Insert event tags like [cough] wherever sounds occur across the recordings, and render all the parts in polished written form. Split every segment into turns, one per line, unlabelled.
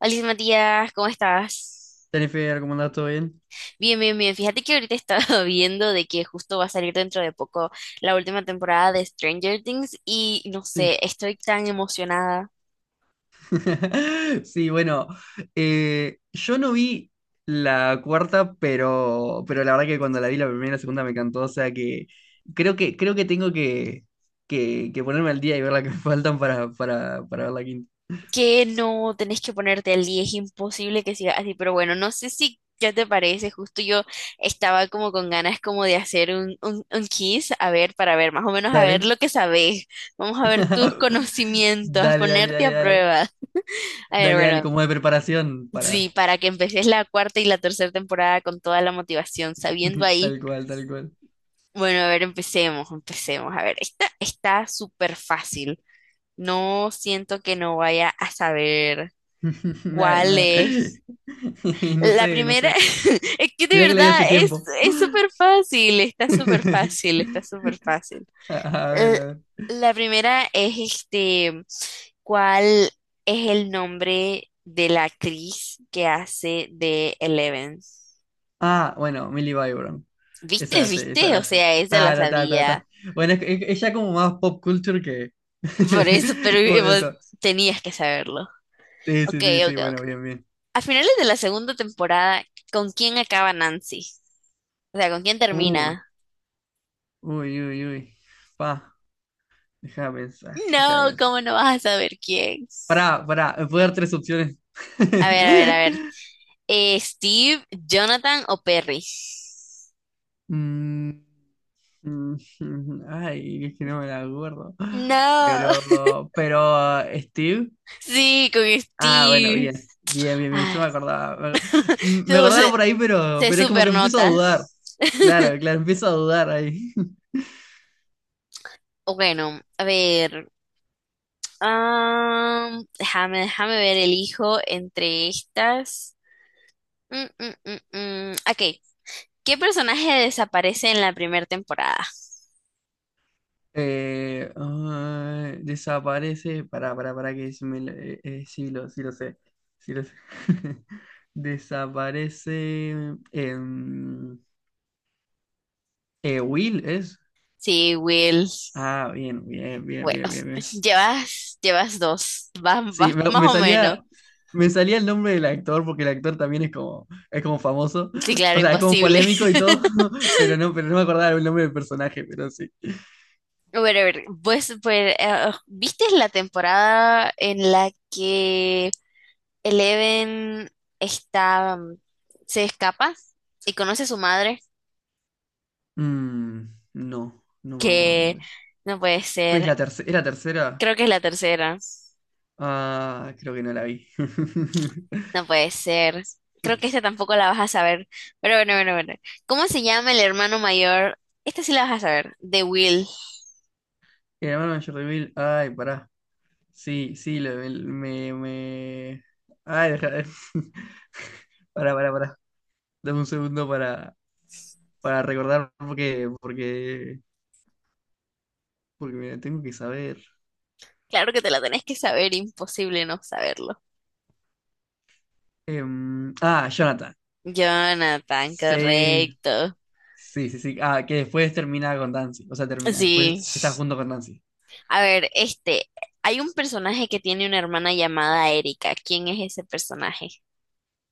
Alice Matías, ¿cómo estás?
Jennifer, ¿cómo andás? ¿Todo bien?
Bien, bien, bien. Fíjate que ahorita he estado [laughs] viendo de que justo va a salir dentro de poco la última temporada de Stranger Things y no
Sí.
sé, estoy tan emocionada
[laughs] Sí, bueno, yo no vi la cuarta, pero la verdad que cuando la vi la primera y la segunda me encantó, o sea que creo que tengo que ponerme al día y ver la que [laughs] me faltan para ver la quinta.
que no tenés que ponerte al día, es imposible que siga así, pero bueno, no sé si ya te parece, justo yo estaba como con ganas como de hacer un quiz, a ver, para ver, más o menos a ver
Dale.
lo que sabés, vamos a ver tus
[laughs]
conocimientos, a
Dale, dale,
ponerte
dale,
a
dale.
prueba. A ver,
Dale, dale,
bueno,
como de preparación
sí,
para.
para que empeces la cuarta y la tercera temporada con toda la motivación, sabiendo
[laughs]
ahí.
Tal cual, tal cual.
Bueno, a ver, empecemos, empecemos. A ver, esta está súper fácil. No siento que no vaya a saber
[laughs] Ay,
cuál
no.
es.
[laughs] No
La
sé, no
primera,
sé.
[laughs] es que de
Mirá que la vi
verdad
hace
es,
tiempo.
es súper fácil, está súper
[laughs]
fácil, está súper fácil.
A ver,
Eh,
a ver.
La primera es este, ¿cuál es el nombre de la actriz que hace de Eleven?
Ah, bueno, Millie Byron. Esa
¿Viste?
la sé, esa
¿Viste? O
la sé.
sea, esa la
Ta, ta, ta, ta,
sabía.
ta. Bueno, es ya como más pop culture que.
Por eso, pero
[laughs] Como de
vos
esto.
tenías que saberlo.
Sí, sí,
Ok,
sí, sí,
ok,
bueno,
ok.
bien, bien.
A finales de la segunda temporada, ¿con quién acaba Nancy? O sea, ¿con quién
Uy,
termina?
uy, uy, uy. Pa, deja de pensar, deja de
No,
pensar.
¿cómo no vas a saber quién?
Pará, pará, me puedo dar tres opciones.
A ver, a ver, a ver.
[laughs]
¿Steve, Jonathan o Perry?
Mm, mm, [laughs] Ay, es que no me la acuerdo.
No. [laughs]
Pero, Steve.
Sí, con
Ah, bueno,
Steve.
bien. Bien, bien, bien. Yo
Ay,
me acordaba. Me
no,
acordaba por ahí,
se
pero es como que empiezo a
supernota.
dudar. Claro, claro, empiezo a dudar ahí. [laughs]
Bueno, a ver. Déjame ver, elijo entre estas. Mm, mm, mm, mm. Ok, ¿qué personaje desaparece en la primera temporada?
Ah, desaparece. Para. Que se me lo- Sí lo sé. Sí lo sé. [laughs] Desaparece. em, Will es.
Sí, Will.
Ah, bien, bien, bien,
Bueno,
bien, bien, bien.
[laughs] llevas dos.
Sí,
Vas
me,
más
me
o menos.
salía, me salía el nombre del actor, porque el actor también es como famoso.
Sí, claro,
O sea, es como
imposible.
polémico y
[laughs]
todo, [laughs] pero no me acordaba el nombre del personaje, pero sí.
Bueno, a ver, pues, ¿viste la temporada en la que Eleven está, se escapa y conoce a su madre?
Mm, no, no me acuerdo
Que
de eso.
no puede
¿Cuál es la
ser.
tercera? ¿Era tercera?
Creo que es la tercera.
Ah, creo que no la vi. [laughs]
No puede ser. Creo que esta tampoco la vas a saber. Pero bueno, bueno, bueno. ¿Cómo se llama el hermano mayor? Esta sí la vas a saber. De Will.
El hermano mayor de Bill. Ay, pará. Sí, sí, me, me- Ay, deja. [laughs] Pará, pará, pará. Dame un segundo para recordar porque mira, tengo que saber.
Claro que te la tenés que saber. Imposible no saberlo.
Ah, Jonathan.
Jonathan,
Sí,
correcto.
sí, sí, sí. Ah, que después termina con Dancy. O sea, termina.
Sí.
Después está junto con Dancy.
A ver, este. Hay un personaje que tiene una hermana llamada Erika. ¿Quién es ese personaje?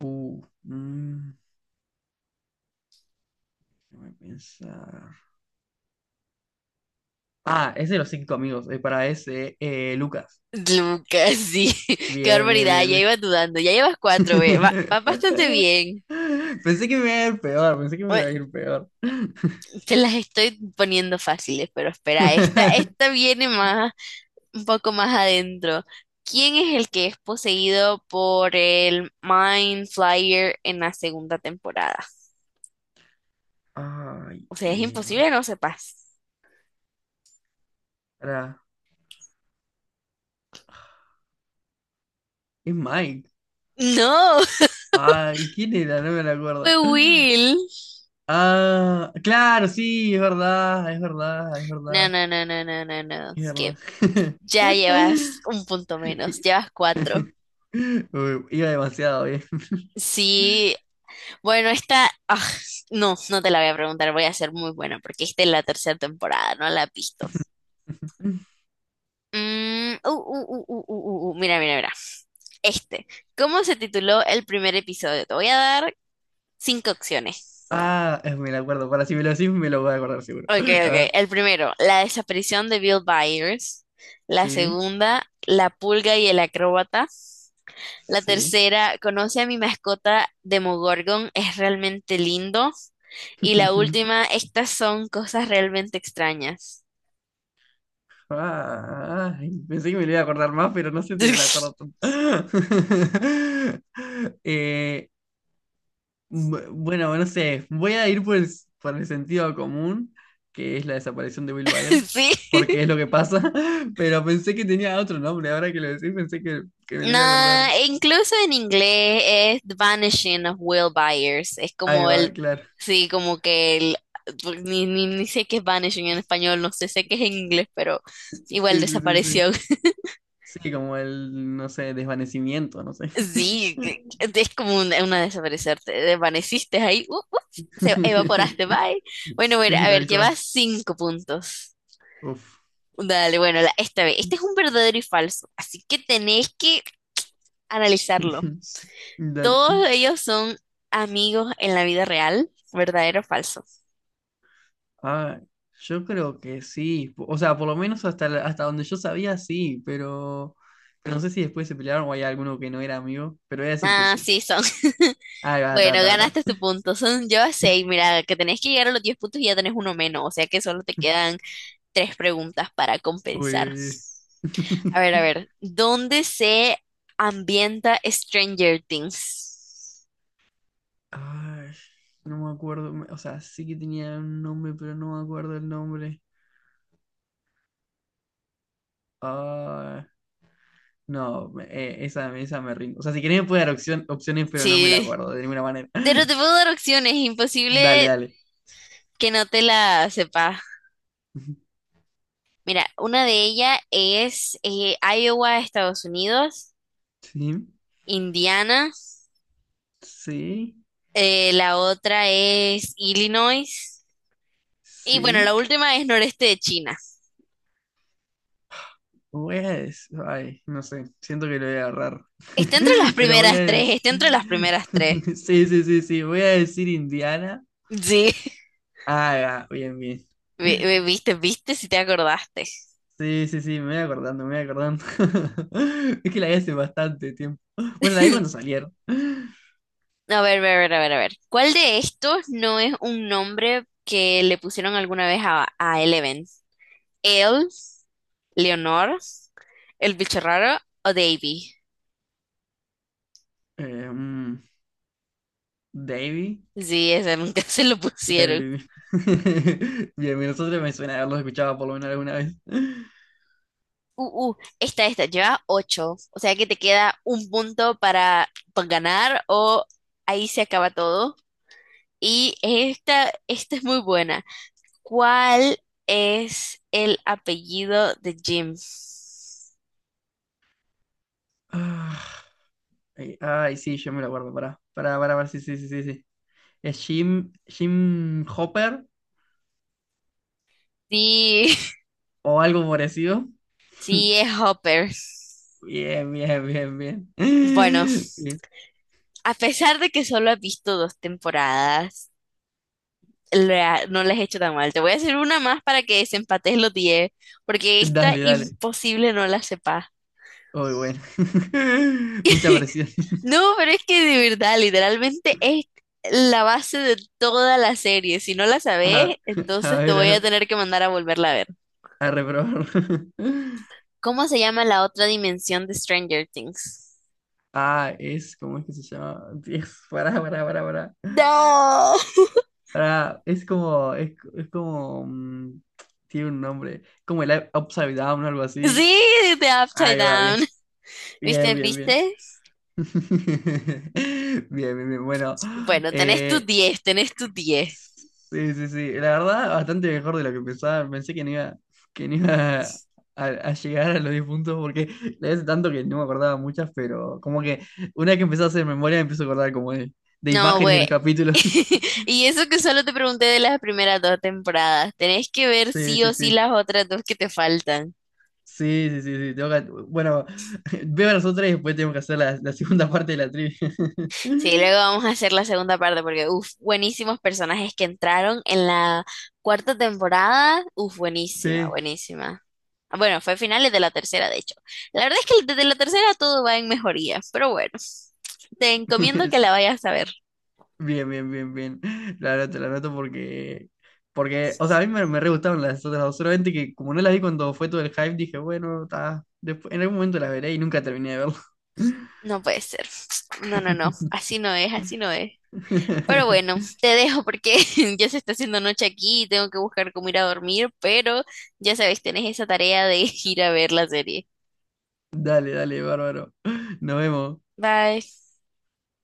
Uh, mm, Déjame pensar. Ah, es de los cinco amigos. Para ese, Lucas.
Lucas, sí. [laughs] Qué
Bien, bien,
barbaridad.
bien,
Ya
bien.
iba dudando. Ya llevas
[laughs]
cuatro, ve. Va, va bastante bien.
Pensé que me iba a ir peor. Pensé que me iba a
Bueno,
ir peor.
te las estoy poniendo fáciles, pero espera, esta
[laughs]
viene más, un poco más adentro. ¿Quién es el que es poseído por el Mind Flyer en la segunda temporada?
Ay,
O sea, es imposible no sepas.
pará, es Mike.
No,
Ay, ¿quién era? No me lo
[laughs] fue
acuerdo.
Will.
Ah, claro, sí, es verdad, es verdad, es
No,
verdad,
no, no, no, no, no, no.
es
Es
verdad.
que
[laughs]
ya llevas un punto menos,
I-
llevas cuatro.
[laughs] Uy, iba demasiado bien. [laughs]
Sí, bueno, no, no te la voy a preguntar, voy a ser muy buena porque esta es la tercera temporada, no la has visto. Mira, mira, mira. Este. ¿Cómo se tituló el primer episodio? Te voy a dar cinco opciones.
Ah, me lo acuerdo. Para si me lo decís, me lo voy a acordar seguro.
Ok,
[laughs] A ver,
ok. El primero, la desaparición de Bill Byers. La
sí,
segunda, la pulga y el acróbata. La
sí.
tercera, conoce a mi mascota Demogorgon, es realmente lindo. Y la
[laughs]
última, estas son cosas realmente extrañas.
Ah, ay, pensé que me lo iba a acordar más, pero no sé si me lo acuerdo
[laughs]
tanto. [laughs] Eh, Bueno, no sé, voy a ir por el sentido común, que es la desaparición de Will Byers,
Sí.
porque es lo que pasa, [laughs] pero pensé que tenía otro nombre, ahora que lo decís pensé que me lo iba a acordar.
Nah, incluso en inglés es The Vanishing of Will Byers. Es
Ahí
como el,
va, claro.
sí, como que el, pues, ni sé qué es vanishing en español, no sé, sé qué es en inglés, pero
Sí,
igual
sí, sí, sí.
desapareció. [laughs]
Sí, como el, no sé, desvanecimiento, no sé.
Sí, es como una desaparecer, te desvaneciste ahí, se evaporaste, bye.
[laughs]
Bueno, bueno,
Sí,
a ver,
tal
llevas
cual.
cinco puntos.
Uf.
Dale, bueno, esta vez, este es un verdadero y falso, así que tenés que analizarlo.
[laughs] Dale.
Todos ellos son amigos en la vida real, verdadero o falso.
Ah, yo creo que sí. O sea, por lo menos hasta donde yo sabía, sí, pero no sé si después se pelearon o hay alguno que no era amigo, pero voy a decir que
Ah,
sí.
sí, son. [laughs]
Ahí va, ta,
Bueno,
ta, ta.
ganaste tu punto. Son yo a seis. Mira, que tenés que llegar a los 10 puntos y ya tenés uno menos. O sea que solo te quedan tres preguntas para
Uy,
compensar.
uy, uy.
A ver, a
[laughs]
ver. ¿Dónde se ambienta Stranger Things?
Ay, no me acuerdo. O sea, sí que tenía un nombre, pero no me acuerdo el nombre. Ah, no, esa me rindo. O sea, si querés me puede dar opciones, pero no me la
Sí.
acuerdo de ninguna manera.
Pero te
[laughs]
puedo dar opciones.
Dale,
Imposible
dale.
que no te la sepas.
[laughs]
Mira, una de ellas es Iowa, Estados Unidos.
Sí,
Indiana,
sí,
la otra es Illinois y bueno, la
sí.
última es noreste de China.
Ay, no sé, siento que lo voy a agarrar.
Está entre las
[laughs] Pero voy a
primeras tres,
des-
está entre las primeras tres.
[laughs] Sí, sí, sí, sí, voy a decir Indiana.
Sí, [laughs]
Ah, ya, bien, bien.
Viste, viste si te acordaste.
Sí, sí, sí, me voy acordando, me voy acordando. [laughs] Es que la vi hace bastante tiempo. Bueno, la vi cuando
[laughs]
salieron.
A ver, a ver, a ver, a ver. ¿Cuál de estos no es un nombre que le pusieron alguna vez a Eleven? El, Leonor, ¿el bicho raro o Davy?
Eh, mm, Davey.
Sí, ese nunca [laughs] se lo
Bien,
pusieron.
bien, [laughs] bien. Bien, bien, nosotros me suena haberlos escuchado por lo menos alguna vez.
Esta, lleva ocho. O sea que te queda un punto para ganar o ahí se acaba todo. Y esta es muy buena. ¿Cuál es el apellido de Jim?
Ah, ay, ay, sí, yo me lo acuerdo, pará. Pará, pará, pará, sí, sí, sí, sí, sí. Es Jim, Jim Hopper
Sí, [laughs]
o algo parecido.
sí,
[laughs]
es Hopper.
Bien, bien, bien, bien.
Bueno,
[laughs] Bien.
a pesar de que solo has visto dos temporadas, no la he hecho tan mal. Te voy a hacer una más para que desempates los 10 porque esta
Dale, dale.
imposible no la sepas.
Uy, bueno. [laughs] Mucha presión. [laughs]
No, pero es que de verdad, literalmente es la base de toda la serie. Si no la sabes,
A, a
entonces te
ver, a
voy a
ver,
tener que mandar a volverla a ver.
a reprobar. [laughs]
¿Cómo se llama la otra dimensión de Stranger Things?
Ah, ¿cómo es que se llama? Dios, pará, pará, pará, pará.
No.
Pará, es como, tiene un nombre, como el Upside Down o algo así.
Sí, de Upside
Ahí va, bien,
Down.
bien,
¿Viste?
bien, bien.
¿Viste?
[laughs] Bien, bien, bien. Bueno,
Bueno, tenés tus
eh,
10, tenés tus 10.
sí, sí, sí. La verdad, bastante mejor de lo que pensaba. Pensé que no iba a llegar a los 10 puntos porque la hice tanto que no me acordaba muchas, pero como que una vez que empecé a hacer memoria, me empiezo a acordar como de
No,
imágenes de los
güey.
capítulos.
[laughs]
[laughs]
Y eso que solo te pregunté de las primeras dos temporadas. Tenés que ver
Sí,
sí
sí,
o sí
sí.
las otras dos que te faltan.
Sí, sí, sí, sí. Bueno, [laughs] veo las otras y después tengo que hacer la segunda [laughs] parte de la trivia.
Sí, luego
[laughs]
vamos a hacer la segunda parte porque, uff, buenísimos personajes que entraron en la cuarta temporada. Uff, buenísima,
Sí.
buenísima. Ah, bueno, fue finales de la tercera, de hecho. La verdad es que desde la tercera todo va en mejoría, pero bueno, te encomiendo que la
[laughs]
vayas a ver.
Bien, bien, bien, bien. [laughs] La anoto porque, o sea, a mí me re gustaron las otras dos, solamente que como no las vi cuando fue todo el hype, dije, bueno, está, después, en algún momento las veré y nunca terminé de verlo.
No puede ser. No, no, no, así no es, así no es. Pero bueno,
[laughs]
te dejo porque [laughs] ya se está haciendo noche aquí y tengo que buscar cómo ir a dormir, pero ya sabes, tenés esa tarea de [laughs] ir a ver la serie.
Dale, dale, bárbaro. Nos vemos.
Bye.